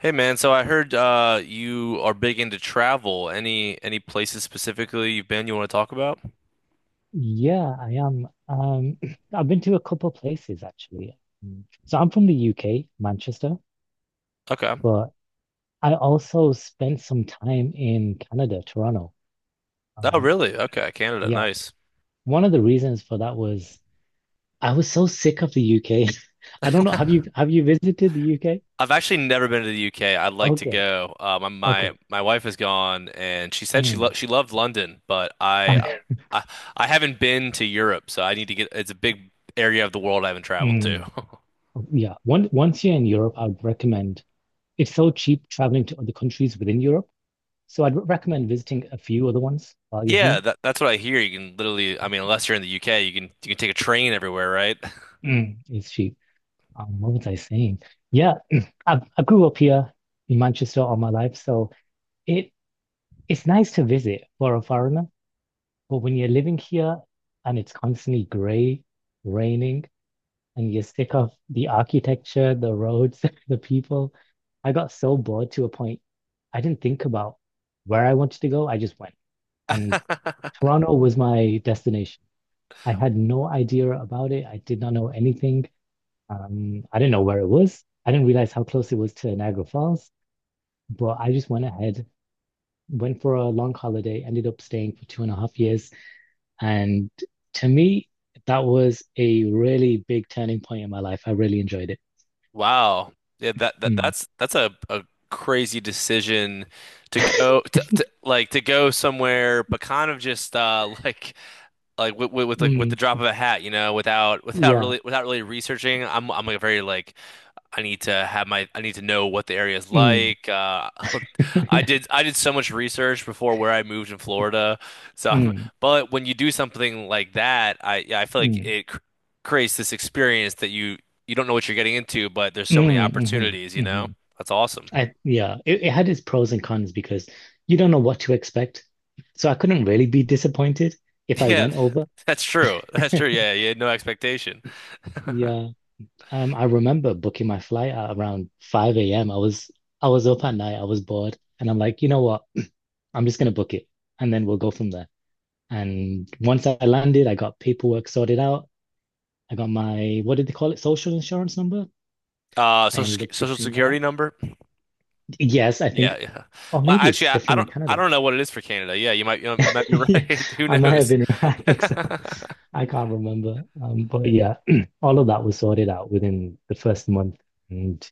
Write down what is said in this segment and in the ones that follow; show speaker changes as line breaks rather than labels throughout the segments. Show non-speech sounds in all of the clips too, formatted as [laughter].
Hey man, so I heard you are big into travel. Any places specifically you want to talk about?
Yeah, I am. [clears throat] I've been to a couple places actually. Mm. So I'm from the UK, Manchester,
Okay.
but I also spent some time in Canada, Toronto.
Oh
Um,
really? Okay, Canada,
yeah,
nice.
one of the reasons for that was I was so sick of the UK. [laughs] I don't know. Have you visited the UK?
I've actually never been to the UK. I'd like to
Okay,
go. Uh, My my
okay.
my wife has gone and she said
Mm.
she loved London, but
[laughs]
I I haven't been to Europe, so I need to get it's a big area of the world I haven't traveled to.
Mm.
[laughs]
Yeah. Once you're in Europe, I would recommend it's so cheap traveling to other countries within Europe. So I'd recommend visiting a few other ones while you're here.
Yeah, that's what I hear. You can literally, I mean, unless you're in the UK, you can take a train everywhere, right?
Mm, it's cheap. What was I saying? Yeah, [clears throat] I grew up here in Manchester all my life, so it it's nice to visit for a foreigner. But when you're living here and it's constantly grey, raining, and you're sick of the architecture, the roads, [laughs] the people, I got so bored to a point I didn't think about where I wanted to go. I just went, and Toronto was my destination. I had no idea about it. I did not know anything. I didn't know where it was. I didn't realize how close it was to Niagara Falls, but I just went ahead, went for a long holiday, ended up staying for 2.5 years. And to me, that was a really big turning point in my life. I really enjoyed it.
Wow. Yeah, that, that
Mm.
that's that's a, a crazy decision to
[laughs]
go to like to go somewhere, but kind of just [laughs] like with, with like with the
Mm.
drop of a hat, you know, without without
Yeah.
really without really researching. I'm like a very I need to have my I need to know what the area is
Mm.
like. [laughs]
[laughs]
I
Yeah.
did I did so much research before where I moved in Florida. So,
Mm.
but when you do something like that, I yeah, I feel like
Mm.
it cr creates this experience that you don't know what you're getting into, but there's so many
Mm,
opportunities, you
hmm, hmm.
know? That's awesome. [laughs]
Yeah, it had its pros and cons because you don't know what to expect. So I couldn't really be disappointed if I
Yeah,
went over.
that's true. That's
[laughs]
true. Yeah, you had no expectation. [laughs]
Yeah. I remember booking my flight at around 5 a.m. I was up at night, I was bored, and I'm like, you know what? I'm just gonna book it and then we'll go from there. And once I landed, I got paperwork sorted out. I got my, what did they call it? Social insurance number. I ended up
Social
fixing
security
that.
number?
Yes, I think,
Yeah, yeah.
or
Well,
maybe
actually,
it's
I, I
different in
don't I
Canada.
don't know what it is for Canada. Yeah, you might be
[laughs] Yeah,
right. [laughs] Who
I might have
knows?
been [laughs] right. I think so.
[laughs]
I can't remember. But yeah, [clears throat] all of that was sorted out within the first month. And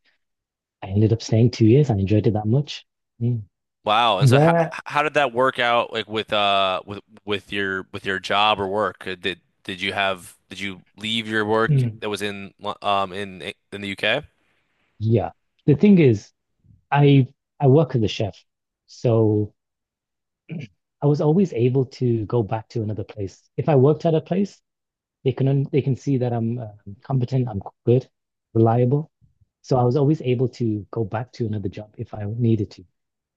I ended up staying 2 years. I enjoyed it that much. Mm.
Wow. And so how
Where,
how did that work out like with with your with your job or work? Did you have did you leave your work
mm,
that was in in the UK?
yeah. The thing is, I I work as a chef, so I was always able to go back to another place. If I worked at a place, they can see that I'm competent, I'm good, reliable. So I was always able to go back to another job if I needed to.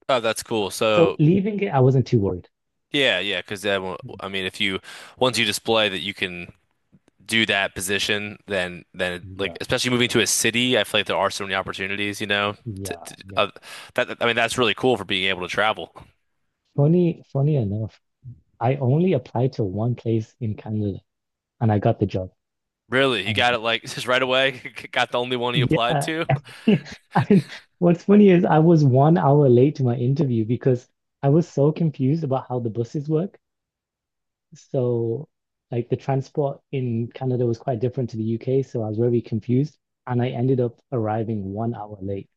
Oh, that's cool.
So
So
leaving it, I wasn't too worried.
yeah, yeah, 'cause then
Mm.
I mean if you once you display that you can do that position, then like
Yeah,
especially moving to a city, I feel like there are so many opportunities, you know.
yeah,
To,
yeah.
that I mean that's really cool for being able to travel.
Funny enough, I only applied to one place in Canada and I got the job.
Really, you got
Um,
it like [laughs] just right away. [laughs] Got the only one you applied
yeah.
to.
Yeah, [laughs] I mean, what's funny is I was 1 hour late to my interview because I was so confused about how the buses work. So, like, the transport in Canada was quite different to the UK. So, I was very confused. And I ended up arriving 1 hour late.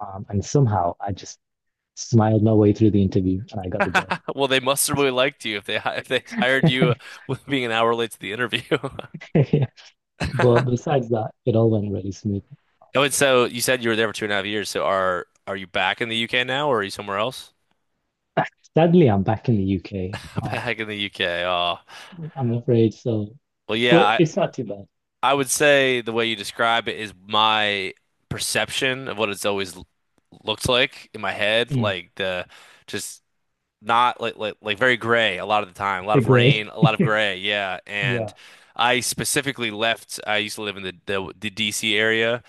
And somehow I just smiled my way through the interview and I got the job.
[laughs] Well, they must have really liked you if they hired you
[laughs]
with being an hour late to the interview. [laughs]
Yeah. But besides that, it all went really smooth.
Oh, and so you said you were there for two and a half years. So are you back in the UK now, or are you somewhere else?
[laughs] Sadly, I'm back in the UK.
[laughs]
Um,
Back in the UK. Oh,
I'm afraid so,
well, yeah.
but it's not too bad.
I would say the way you describe it is my perception of what it's always looked like in my head,
Mm,
like the just not like very gray a lot of the time, a lot
the
of
grey.
rain, a lot of gray. Yeah,
[laughs]
and
Yeah.
I specifically left. I used to live in the DC area,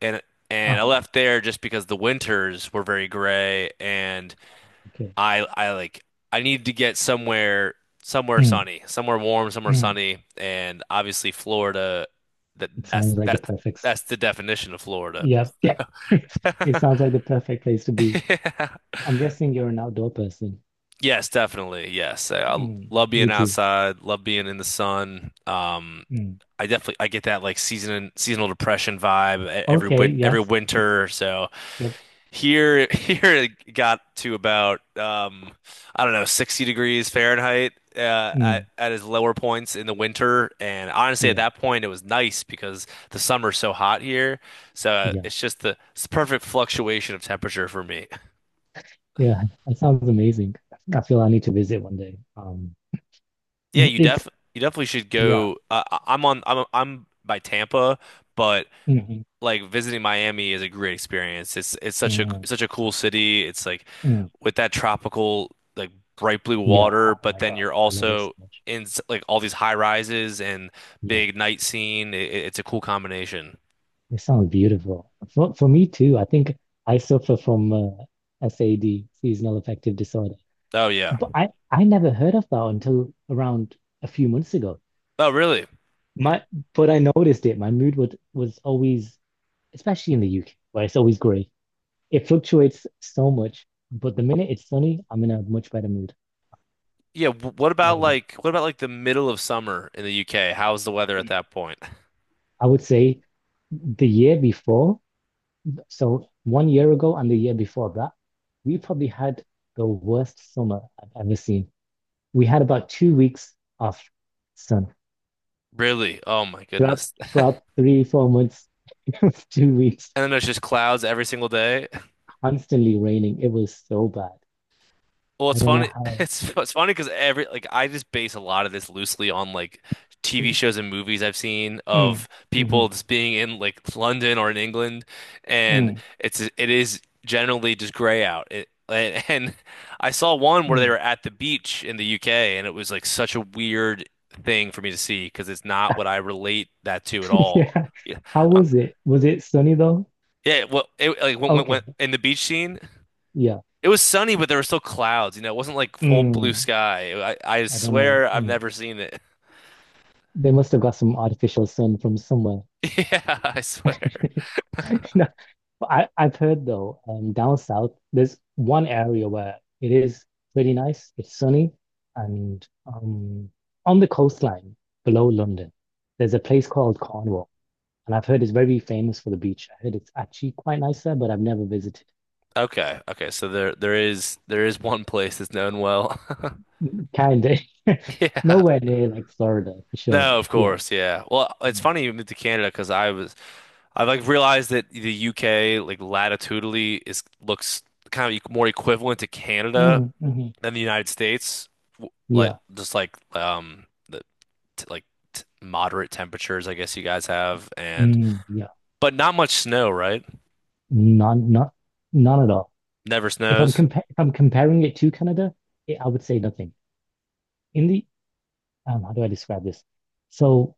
and I
Uh-huh.
left there just because the winters were very gray and
Okay.
I I like I needed to get somewhere somewhere
Mm,
sunny, somewhere warm, somewhere
mm.
sunny, and obviously Florida that
It
that's
sounds like the
that's
perfect.
that's the definition of Florida.
Yep. [laughs] Yeah. It sounds
[laughs]
like the perfect place to be.
Yeah.
I'm guessing you're an outdoor person.
Yes, definitely. Yes. I
Mm,
love
me
being
too.
outside, love being in the sun. Um,
Mm.
I get that like seasonal depression vibe e- every
Okay.
win every
Yes.
winter. So
Yep.
here, [laughs] here it got to about I don't know, 60 degrees Fahrenheit
Mm.
at its lower points in the winter. And honestly, at
Yeah.
that point, it was nice because the summer's so hot here. So
Yeah.
it's just the it's the perfect fluctuation of temperature for me.
Yeah. [laughs] That sounds amazing. I feel I need to visit one day. Um,
Yeah,
m-
you
it's
def you definitely should
yeah.
go. I'm I'm by Tampa, but
Mm-hmm.
like visiting Miami is a great experience. It's
Mm-hmm.
such a cool city. It's like
Mm.
with that tropical like bright blue
Yeah.
water,
Oh
but
my
then
God.
you're
I love it so
also
much.
in like all these high rises and
Yeah.
big night scene. It's a cool combination.
It sounds beautiful. For me too. I think I suffer from SAD, seasonal affective disorder.
Oh yeah.
But I never heard of that until around a few months ago.
Oh really?
My, but I noticed it. My mood would was always, especially in the UK, where it's always grey. It fluctuates so much, but the minute it's sunny, I'm in a much better mood.
Yeah.
Or the-
What about like the middle of summer in the UK? How's the weather at that point? [laughs]
I would say the year before, so 1 year ago and the year before that, we probably had the worst summer I've ever seen. We had about 2 weeks of sun
Really? Oh my
throughout
goodness.
throughout three, 4 months, [laughs] 2 weeks,
[laughs] And then there's just clouds every single day.
constantly raining. It was so bad.
Well,
I
it's
don't know
funny. [laughs]
how.
It's funny because every like I just base a lot of this loosely on like TV shows and movies I've seen
Mm,
of
mm,
people just being in like London or in England, and
mm,
it is generally just gray out. [laughs] And I saw one where they
mm.
were at the beach in the UK, and it was like such a weird thing for me to see because it's not what I relate that to at
[laughs]
all.
Yeah.
Yeah,
How
uh,
was it? Was it sunny though?
yeah. Well, it, like
Okay.
in the beach scene.
Yeah.
It was sunny, but there were still clouds. You know, it wasn't like full blue
Mm.
sky. I
I don't know.
swear I've
Mm.
never seen it. [laughs]
They must have got some artificial sun from somewhere.
Yeah, I swear.
[laughs] No, but I've heard though, down south, there's one area where it is pretty nice. It's sunny, and on the coastline below London, there's a place called Cornwall. And I've heard it's very famous for the beach. I heard it's actually quite nice there, but I've never visited.
Okay, okay. So there is one place that's known well.
Kind of
[laughs]
[laughs]
Yeah.
nowhere near like Florida for sure.
No,
But
of
yeah.
course. Yeah. Well, it's funny you moved to Canada because I like realized that the UK like latitudinally is looks kind of more equivalent to Canada
Mm, mhm.
than the United States. Like
Yeah.
just like the, t like t moderate temperatures, I guess you guys have, and
Mm, yeah.
but not much snow, right?
None, not, none at all.
Never snows.
If I'm comparing it to Canada, it, I would say nothing. In the, how do I describe this? So,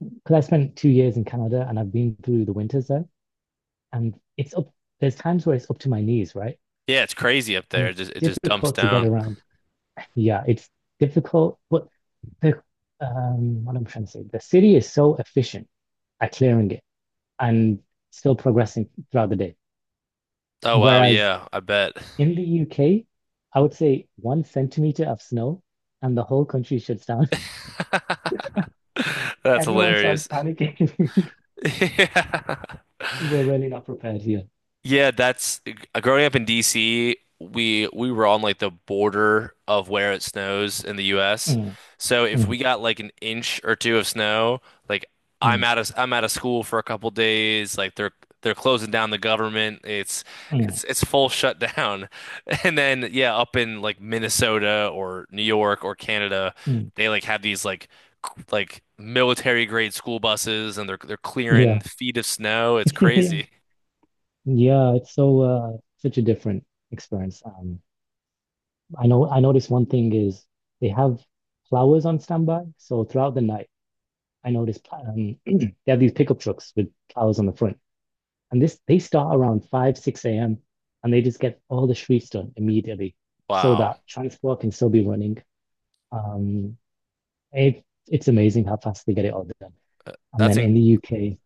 because I spent 2 years in Canada and I've been through the winters there, and there's times where it's up to my knees, right?
Yeah, it's crazy up
And
there.
it's
It just dumps
difficult to get
down.
around. Yeah, it's difficult. But the what I'm trying to say, the city is so efficient at clearing it and still progressing throughout the day.
Oh wow,
Whereas
yeah, I bet.
in the UK, I would say 1 centimeter of snow and the whole country shuts down.
[laughs]
[laughs]
That's
Everyone starts
hilarious.
panicking.
[laughs] Yeah.
[laughs] We're really not prepared here.
Yeah, that's growing up in DC, we were on like the border of where it snows in the US.
Mm,
So if
mm,
we got like an inch or two of snow, like
mm,
I'm out of school for a couple days, like they're closing down the government.
mm,
It's full shutdown. [laughs] And then yeah, up in like Minnesota or New York or Canada,
mm.
they like have these like like military grade school buses and they're
Yeah.
clearing feet of snow. It's crazy.
[laughs] Yeah, it's so such a different experience. I know I noticed one thing is they have flowers on standby. So throughout the night, I noticed [clears throat] they have these pickup trucks with flowers on the front. And this they start around 5, 6 a.m. and they just get all the streets done immediately so that
Wow.
transport can still be running. Um, it's amazing how fast they get it all done. And
That's
then
in
in the UK,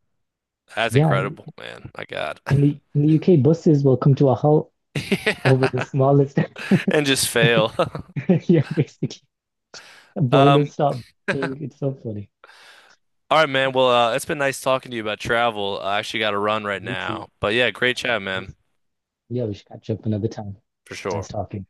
that's
yeah,
incredible, man. My God. [laughs]
in the UK, buses will come to a halt over the
Yeah.
smallest. [laughs]
And just fail. [laughs]
It's, [laughs] yeah, basically, boilers
Um,
stop being. It's so funny.
all right, man. Well, it's been nice talking to you about travel. I actually got to run right
You too.
now. But yeah, great
I know.
chat, man.
Yeah, we should catch up another time.
For sure.
Nice talking.